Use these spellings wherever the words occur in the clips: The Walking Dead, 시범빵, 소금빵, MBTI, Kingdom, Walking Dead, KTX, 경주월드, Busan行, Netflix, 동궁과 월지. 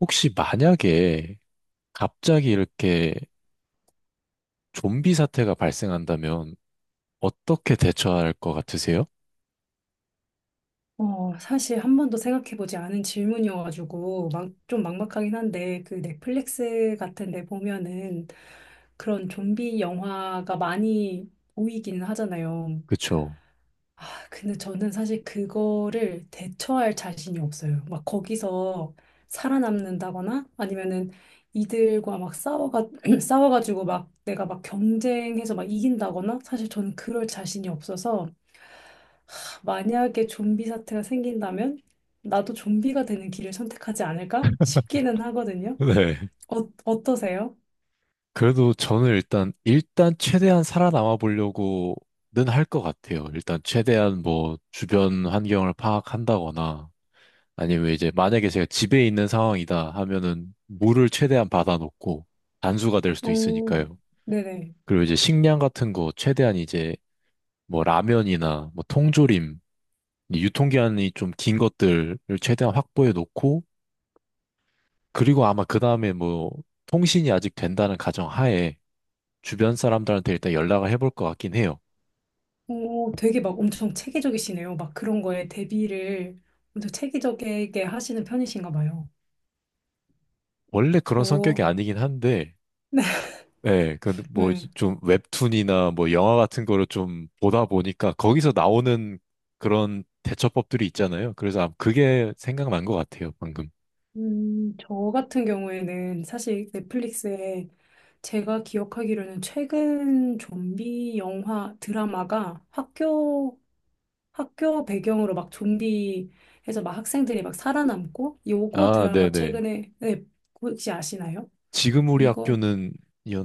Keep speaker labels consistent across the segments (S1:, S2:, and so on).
S1: 혹시 만약에 갑자기 이렇게 좀비 사태가 발생한다면 어떻게 대처할 것 같으세요?
S2: 사실 한 번도 생각해보지 않은 질문이어가지고 막, 좀 막막하긴 한데 그 넷플릭스 같은 데 보면은 그런 좀비 영화가 많이 보이기는 하잖아요.
S1: 그쵸?
S2: 아, 근데 저는 사실 그거를 대처할 자신이 없어요. 막 거기서 살아남는다거나 아니면은 이들과 막 싸워가지고 막 내가 막 경쟁해서 막 이긴다거나 사실 저는 그럴 자신이 없어서 만약에 좀비 사태가 생긴다면 나도 좀비가 되는 길을 선택하지 않을까 싶기는 하거든요.
S1: 네.
S2: 어떠세요?
S1: 그래도 저는 일단 최대한 살아남아 보려고는 할 것 같아요. 일단 최대한 뭐 주변 환경을 파악한다거나 아니면 이제 만약에 제가 집에 있는 상황이다 하면은 물을 최대한 받아놓고 단수가 될 수도
S2: 오,
S1: 있으니까요.
S2: 네네.
S1: 그리고 이제 식량 같은 거 최대한 이제 뭐 라면이나 뭐 통조림 이 유통기한이 좀 긴 것들을 최대한 확보해 놓고, 그리고 아마 그 다음에 뭐, 통신이 아직 된다는 가정 하에 주변 사람들한테 일단 연락을 해볼 것 같긴 해요.
S2: 오, 되게 막 엄청 체계적이시네요. 막 그런 거에 대비를 엄청 체계적이게 하시는 편이신가 봐요.
S1: 원래 그런
S2: 저,
S1: 성격이 아니긴 한데, 예, 그, 뭐,
S2: 네.
S1: 좀 웹툰이나 뭐 영화 같은 거를 좀 보다 보니까 거기서 나오는 그런 대처법들이 있잖아요. 그래서 아마 그게 생각난 것 같아요, 방금.
S2: 저 같은 경우에는 사실 넷플릭스에 제가 기억하기로는 최근 좀비 영화 드라마가 학교 배경으로 막 좀비 해서 막 학생들이 막 살아남고 요거
S1: 아,
S2: 드라마
S1: 네네.
S2: 최근에 네, 혹시 아시나요?
S1: 지금 우리
S2: 이거.
S1: 학교는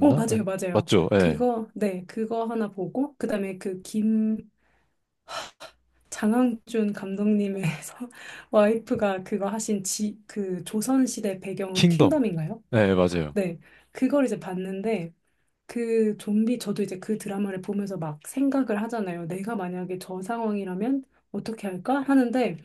S2: 어, 맞아요,
S1: 아니,
S2: 맞아요.
S1: 맞죠? 예.
S2: 그거, 네, 그거 하나 보고 그다음에 그 김 장항준 감독님의 와이프가 그거 하신 지 그 조선시대 배경으로
S1: 킹덤.
S2: 킹덤인가요?
S1: 네, 맞아요.
S2: 네. 그걸 이제 봤는데 그 좀비 저도 이제 그 드라마를 보면서 막 생각을 하잖아요. 내가 만약에 저 상황이라면 어떻게 할까 하는데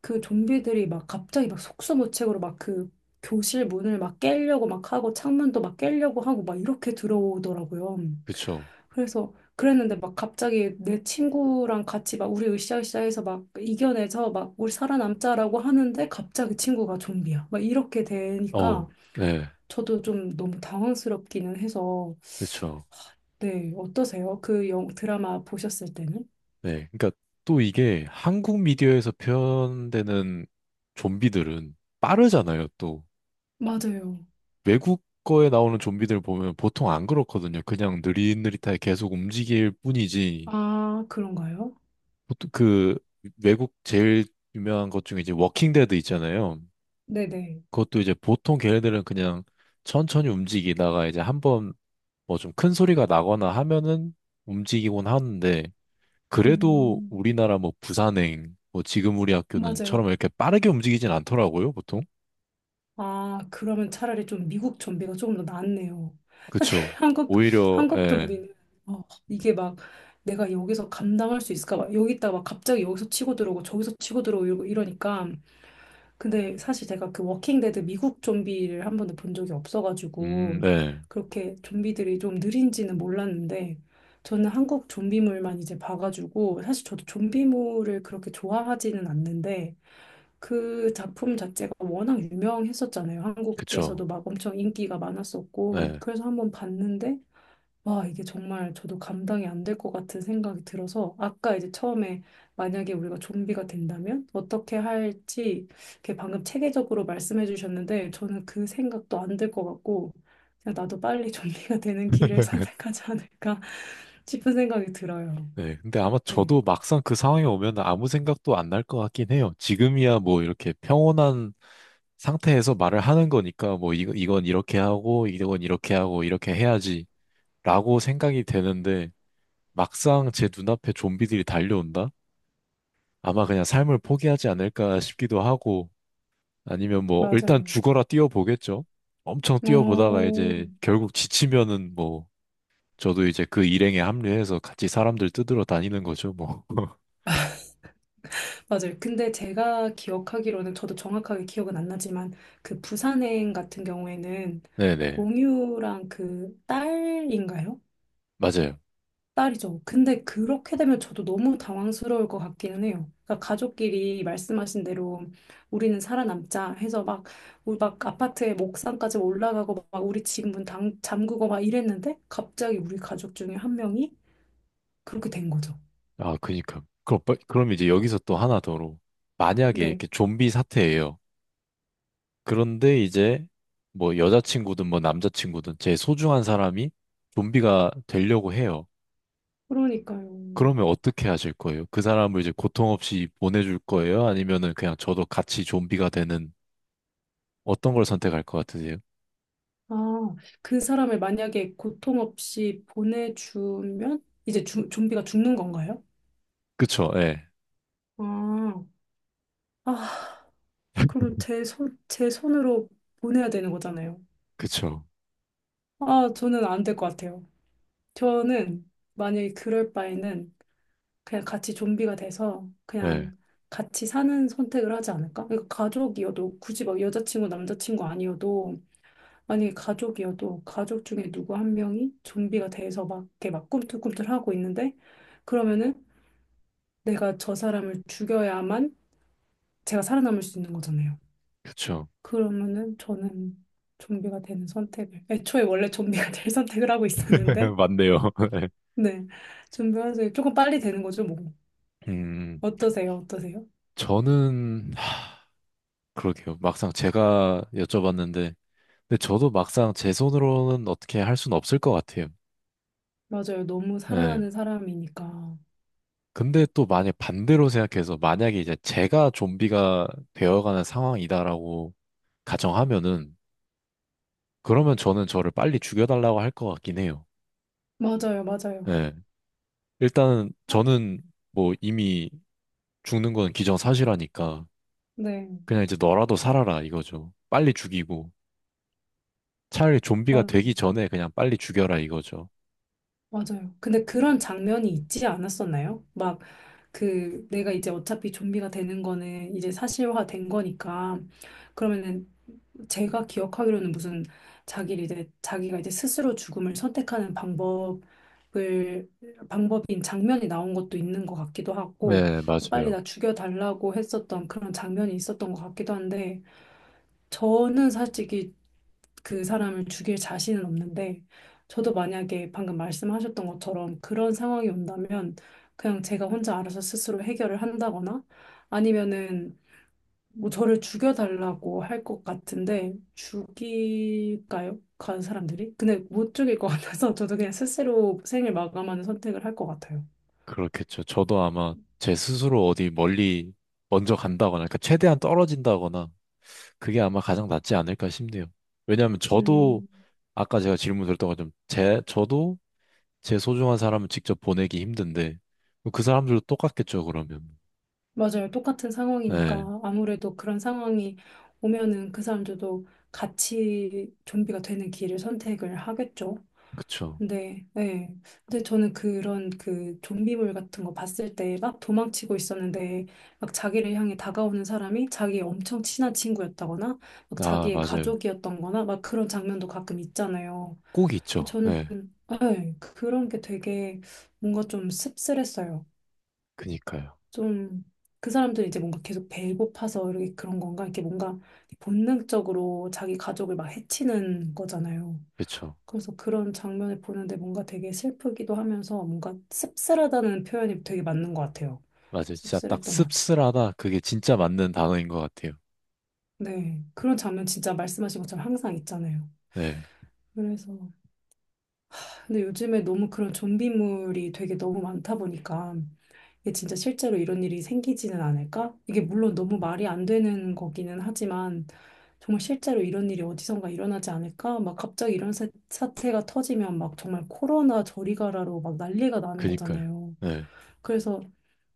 S2: 그 좀비들이 막 갑자기 막 속수무책으로 막 그 교실 문을 막 깨려고 막 하고 창문도 막 깨려고 하고 막 이렇게 들어오더라고요.
S1: 그쵸.
S2: 그래서 그랬는데 막 갑자기 내 친구랑 같이 막 우리 으쌰으쌰해서 막 이겨내서 막 우리 살아남자라고 하는데 갑자기 친구가 좀비야. 막 이렇게 되니까
S1: 어, 네,
S2: 저도 좀 너무 당황스럽기는 해서.
S1: 그렇죠.
S2: 네, 어떠세요? 그 드라마 보셨을 때는?
S1: 네, 그러니까 또 이게 한국 미디어에서 표현되는 좀비들은 빠르잖아요. 또
S2: 맞아요.
S1: 외국 거에 나오는 좀비들 보면 보통 안 그렇거든요. 그냥 느릿느릿하게 계속 움직일 뿐이지.
S2: 아, 그런가요?
S1: 보통 그 외국 제일 유명한 것 중에 이제 워킹 데드 있잖아요.
S2: 네네.
S1: 그것도 이제 보통 걔네들은 그냥 천천히 움직이다가 이제 한번 뭐 좀 큰 소리가 나거나 하면은 움직이곤 하는데. 그래도
S2: 음,
S1: 우리나라 뭐 부산행, 뭐 지금 우리 학교는 처럼
S2: 맞아요.
S1: 이렇게 빠르게 움직이진 않더라고요, 보통.
S2: 아, 그러면 차라리 좀 미국 좀비가 조금 더 낫네요. 사실
S1: 그쵸.
S2: 한국
S1: 오히려, 예,
S2: 좀비는, 어, 이게 막 내가 여기서 감당할 수 있을까? 막 여기 있다가 막 갑자기 여기서 치고 들어오고 저기서 치고 들어오고 이러니까. 근데 사실 제가 그 워킹데드 미국 좀비를 한 번도 본 적이 없어가지고
S1: 네,
S2: 그렇게 좀비들이 좀 느린지는 몰랐는데 저는 한국 좀비물만 이제 봐가지고 사실 저도 좀비물을 그렇게 좋아하지는 않는데 그 작품 자체가 워낙 유명했었잖아요.
S1: 그쵸.
S2: 한국에서도 막 엄청 인기가 많았었고,
S1: 네,
S2: 그래서 한번 봤는데, 와, 이게 정말 저도 감당이 안 될 것 같은 생각이 들어서, 아까 이제 처음에 만약에 우리가 좀비가 된다면 어떻게 할지, 이렇게 방금 체계적으로 말씀해 주셨는데, 저는 그 생각도 안 될 것 같고, 그냥 나도 빨리 좀비가 되는 길을 선택하지 않을까 싶은 생각이 들어요.
S1: 네. 근데 아마
S2: 네,
S1: 저도 막상 그 상황에 오면 아무 생각도 안 날 것 같긴 해요. 지금이야 뭐 이렇게 평온한 상태에서 말을 하는 거니까 뭐 이 이건 이렇게 하고, 이렇게 해야지 라고 생각이 되는데 막상 제 눈앞에 좀비들이 달려온다? 아마 그냥 삶을 포기하지 않을까 싶기도 하고, 아니면 뭐 일단
S2: 맞아요.
S1: 죽어라 뛰어보겠죠. 엄청 뛰어보다가
S2: 어,
S1: 이제 결국 지치면은 뭐 저도 이제 그 일행에 합류해서 같이 사람들 뜯으러 다니는 거죠, 뭐.
S2: 맞아요. 근데 제가 기억하기로는 저도 정확하게 기억은 안 나지만 그 부산행 같은 경우에는
S1: 네네.
S2: 공유랑 그 딸인가요?
S1: 맞아요.
S2: 딸이죠. 근데 그렇게 되면 저도 너무 당황스러울 것 같기는 해요. 그러니까 가족끼리 말씀하신 대로 우리는 살아남자 해서 막, 우리 막 아파트의 목상까지 올라가고 막 우리 집 문 잠그고 막 이랬는데 갑자기 우리 가족 중에 한 명이 그렇게 된 거죠.
S1: 아, 그니까. 그럼, 빠- 그럼 이제 여기서 또 하나 더로. 만약에
S2: 네.
S1: 이렇게 좀비 사태예요. 그런데 이제 뭐 여자친구든 뭐 남자친구든 제 소중한 사람이 좀비가 되려고 해요.
S2: 그러니까요.
S1: 그러면 어떻게 하실 거예요? 그 사람을 이제 고통 없이 보내줄 거예요? 아니면은 그냥 저도 같이 좀비가 되는 어떤 걸 선택할 것 같으세요?
S2: 아, 그 사람을 만약에 고통 없이 보내주면 이제 좀비가 죽는 건가요?
S1: 그쵸, 예.
S2: 아, 아, 그럼 제 손으로 보내야 되는 거잖아요.
S1: 그쵸,
S2: 아, 저는 안 될 것 같아요. 저는 만약에 그럴 바에는 그냥 같이 좀비가 돼서
S1: 예.
S2: 그냥 같이 사는 선택을 하지 않을까? 그러니까 가족이어도 굳이 막 여자친구, 남자친구 아니어도 아니, 가족이어도 가족 중에 누구 한 명이 좀비가 돼서 막 이렇게 막 꿈틀꿈틀하고 있는데 그러면은 내가 저 사람을 죽여야만 제가 살아남을 수 있는 거잖아요.
S1: 그쵸.
S2: 그러면은 저는 좀비가 되는 선택을 애초에 원래 좀비가 될 선택을 하고 있었는데.
S1: 맞네요. 예.
S2: 네. 좀비 환생이 조금 빨리 되는 거죠, 뭐.
S1: 음,
S2: 어떠세요? 어떠세요?
S1: 저는, 하, 그러게요. 막상 제가 여쭤봤는데, 근데 저도 막상 제 손으로는 어떻게 할 수는 없을 것 같아요.
S2: 맞아요. 너무
S1: 예.
S2: 사랑하는 사람이니까.
S1: 근데 또 만약 반대로 생각해서, 만약에 이제 제가 좀비가 되어가는 상황이다라고 가정하면은, 그러면 저는 저를 빨리 죽여달라고 할 것 같긴 해요.
S2: 맞아요. 맞아요.
S1: 예. 일단
S2: 아,
S1: 저는 뭐 이미 죽는 건 기정사실하니까
S2: 네.
S1: 그냥 이제 너라도 살아라 이거죠. 빨리 죽이고 차라리 좀비가
S2: 맞아요.
S1: 되기 전에 그냥 빨리 죽여라 이거죠.
S2: 맞아요. 근데 그런 장면이 있지 않았었나요? 막, 그, 내가 이제 어차피 좀비가 되는 거는 이제 사실화 된 거니까, 그러면은 제가 기억하기로는 무슨 자기가 이제 스스로 죽음을 선택하는 방법인 장면이 나온 것도 있는 것 같기도 하고,
S1: 네,
S2: 빨리
S1: 맞아요.
S2: 나 죽여달라고 했었던 그런 장면이 있었던 것 같기도 한데, 저는 솔직히 그 사람을 죽일 자신은 없는데 저도 만약에 방금 말씀하셨던 것처럼 그런 상황이 온다면 그냥 제가 혼자 알아서 스스로 해결을 한다거나 아니면은 뭐 저를 죽여달라고 할 것 같은데 죽일까요? 간 사람들이? 근데 못 죽일 것 같아서 저도 그냥 스스로 생을 마감하는 선택을 할 것 같아요.
S1: 그렇겠죠. 저도 아마 제 스스로 어디 멀리 먼저 간다거나, 그러니까 최대한 떨어진다거나, 그게 아마 가장 낫지 않을까 싶네요. 왜냐하면 저도,
S2: 음,
S1: 아까 제가 질문 드렸던 것처럼, 제, 저도 제 소중한 사람을 직접 보내기 힘든데, 그 사람들도 똑같겠죠, 그러면.
S2: 맞아요. 똑같은
S1: 네,
S2: 상황이니까 아무래도 그런 상황이 오면은 그 사람들도 같이 좀비가 되는 길을 선택을 하겠죠.
S1: 그쵸.
S2: 네, 네. 근데 저는 그런 그 좀비물 같은 거 봤을 때 막 도망치고 있었는데 막 자기를 향해 다가오는 사람이 자기의 엄청 친한 친구였다거나 막
S1: 아,
S2: 자기의
S1: 맞아요.
S2: 가족이었던 거나 막 그런 장면도 가끔 있잖아요.
S1: 꼭
S2: 근데
S1: 있죠.
S2: 저는
S1: 네.
S2: 네, 그런 게 되게 뭔가 좀 씁쓸했어요.
S1: 그니까요.
S2: 좀 그 사람들이 이제 뭔가 계속 배고파서 이렇게 그런 건가? 이렇게 뭔가 본능적으로 자기 가족을 막 해치는 거잖아요.
S1: 그쵸.
S2: 그래서 그런 장면을 보는데 뭔가 되게 슬프기도 하면서 뭔가 씁쓸하다는 표현이 되게 맞는 것 같아요.
S1: 맞아요. 진짜 딱
S2: 씁쓸했던 것 같아요.
S1: 씁쓸하다. 그게 진짜 맞는 단어인 것 같아요.
S2: 네. 그런 장면 진짜 말씀하신 것처럼 항상 있잖아요.
S1: 네.
S2: 그래서. 근데 요즘에 너무 그런 좀비물이 되게 너무 많다 보니까 이게 진짜 실제로 이런 일이 생기지는 않을까? 이게 물론 너무 말이 안 되는 거기는 하지만 정말 실제로 이런 일이 어디선가 일어나지 않을까? 막 갑자기 이런 사태가 터지면 막 정말 코로나 저리 가라로 막 난리가 나는
S1: 그니까요.
S2: 거잖아요.
S1: 네.
S2: 그래서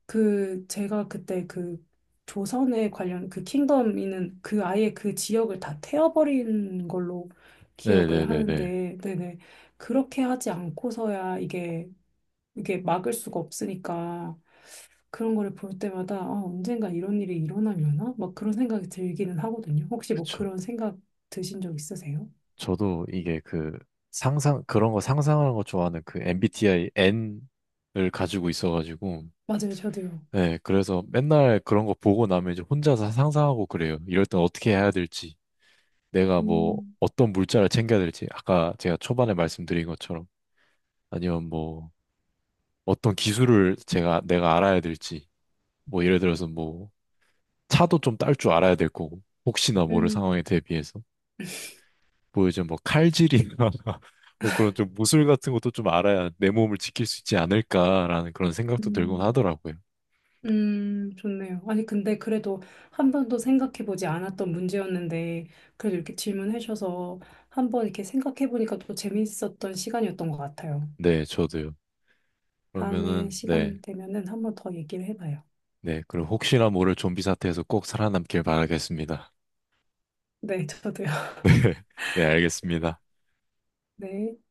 S2: 그 제가 그때 그 조선에 관련 그 킹덤이는 그 아예 그 지역을 다 태워버린 걸로 기억을
S1: 네네네네.
S2: 하는데. 네네. 그렇게 하지 않고서야 이게 막을 수가 없으니까 그런 거를 볼 때마다 아, 언젠가 이런 일이 일어나려나? 막 그런 생각이 들기는 하거든요. 혹시 뭐
S1: 그쵸.
S2: 그런 생각 드신 적 있으세요?
S1: 저도 이게 그 상상, 그런 거 상상하는 거 좋아하는 그 MBTI N을 가지고 있어가지고,
S2: 맞아요, 저도요.
S1: 네. 그래서 맨날 그런 거 보고 나면 이제 혼자서 상상하고 그래요. 이럴 땐 어떻게 해야 될지, 내가 뭐
S2: 음,
S1: 어떤 물자를 챙겨야 될지, 아까 제가 초반에 말씀드린 것처럼, 아니면 뭐, 어떤 기술을 제가 내가 알아야 될지 뭐 예를 들어서 뭐 차도 좀 딸 줄 알아야 될 거고 혹시나 모를
S2: 음.
S1: 상황에 대비해서 뭐 요즘 뭐 칼질이나 뭐 그런 좀 무술 같은 것도 좀 알아야 내 몸을 지킬 수 있지 않을까라는 그런 생각도 들곤
S2: 음.
S1: 하더라고요.
S2: 좋네요. 아니, 근데 그래도 한 번도 생각해보지 않았던 문제였는데, 그래도 이렇게 질문해주셔서 한 번 이렇게 생각해보니까 또 재밌었던 시간이었던 것 같아요.
S1: 네, 저도요.
S2: 다음에
S1: 그러면은 네,
S2: 시간 되면은 한 번 더 얘기를 해봐요.
S1: 네 그리고 혹시나 모를 좀비 사태에서 꼭 살아남길 바라겠습니다.
S2: 네, 저도요.
S1: 네, 네, 알겠습니다.
S2: 네.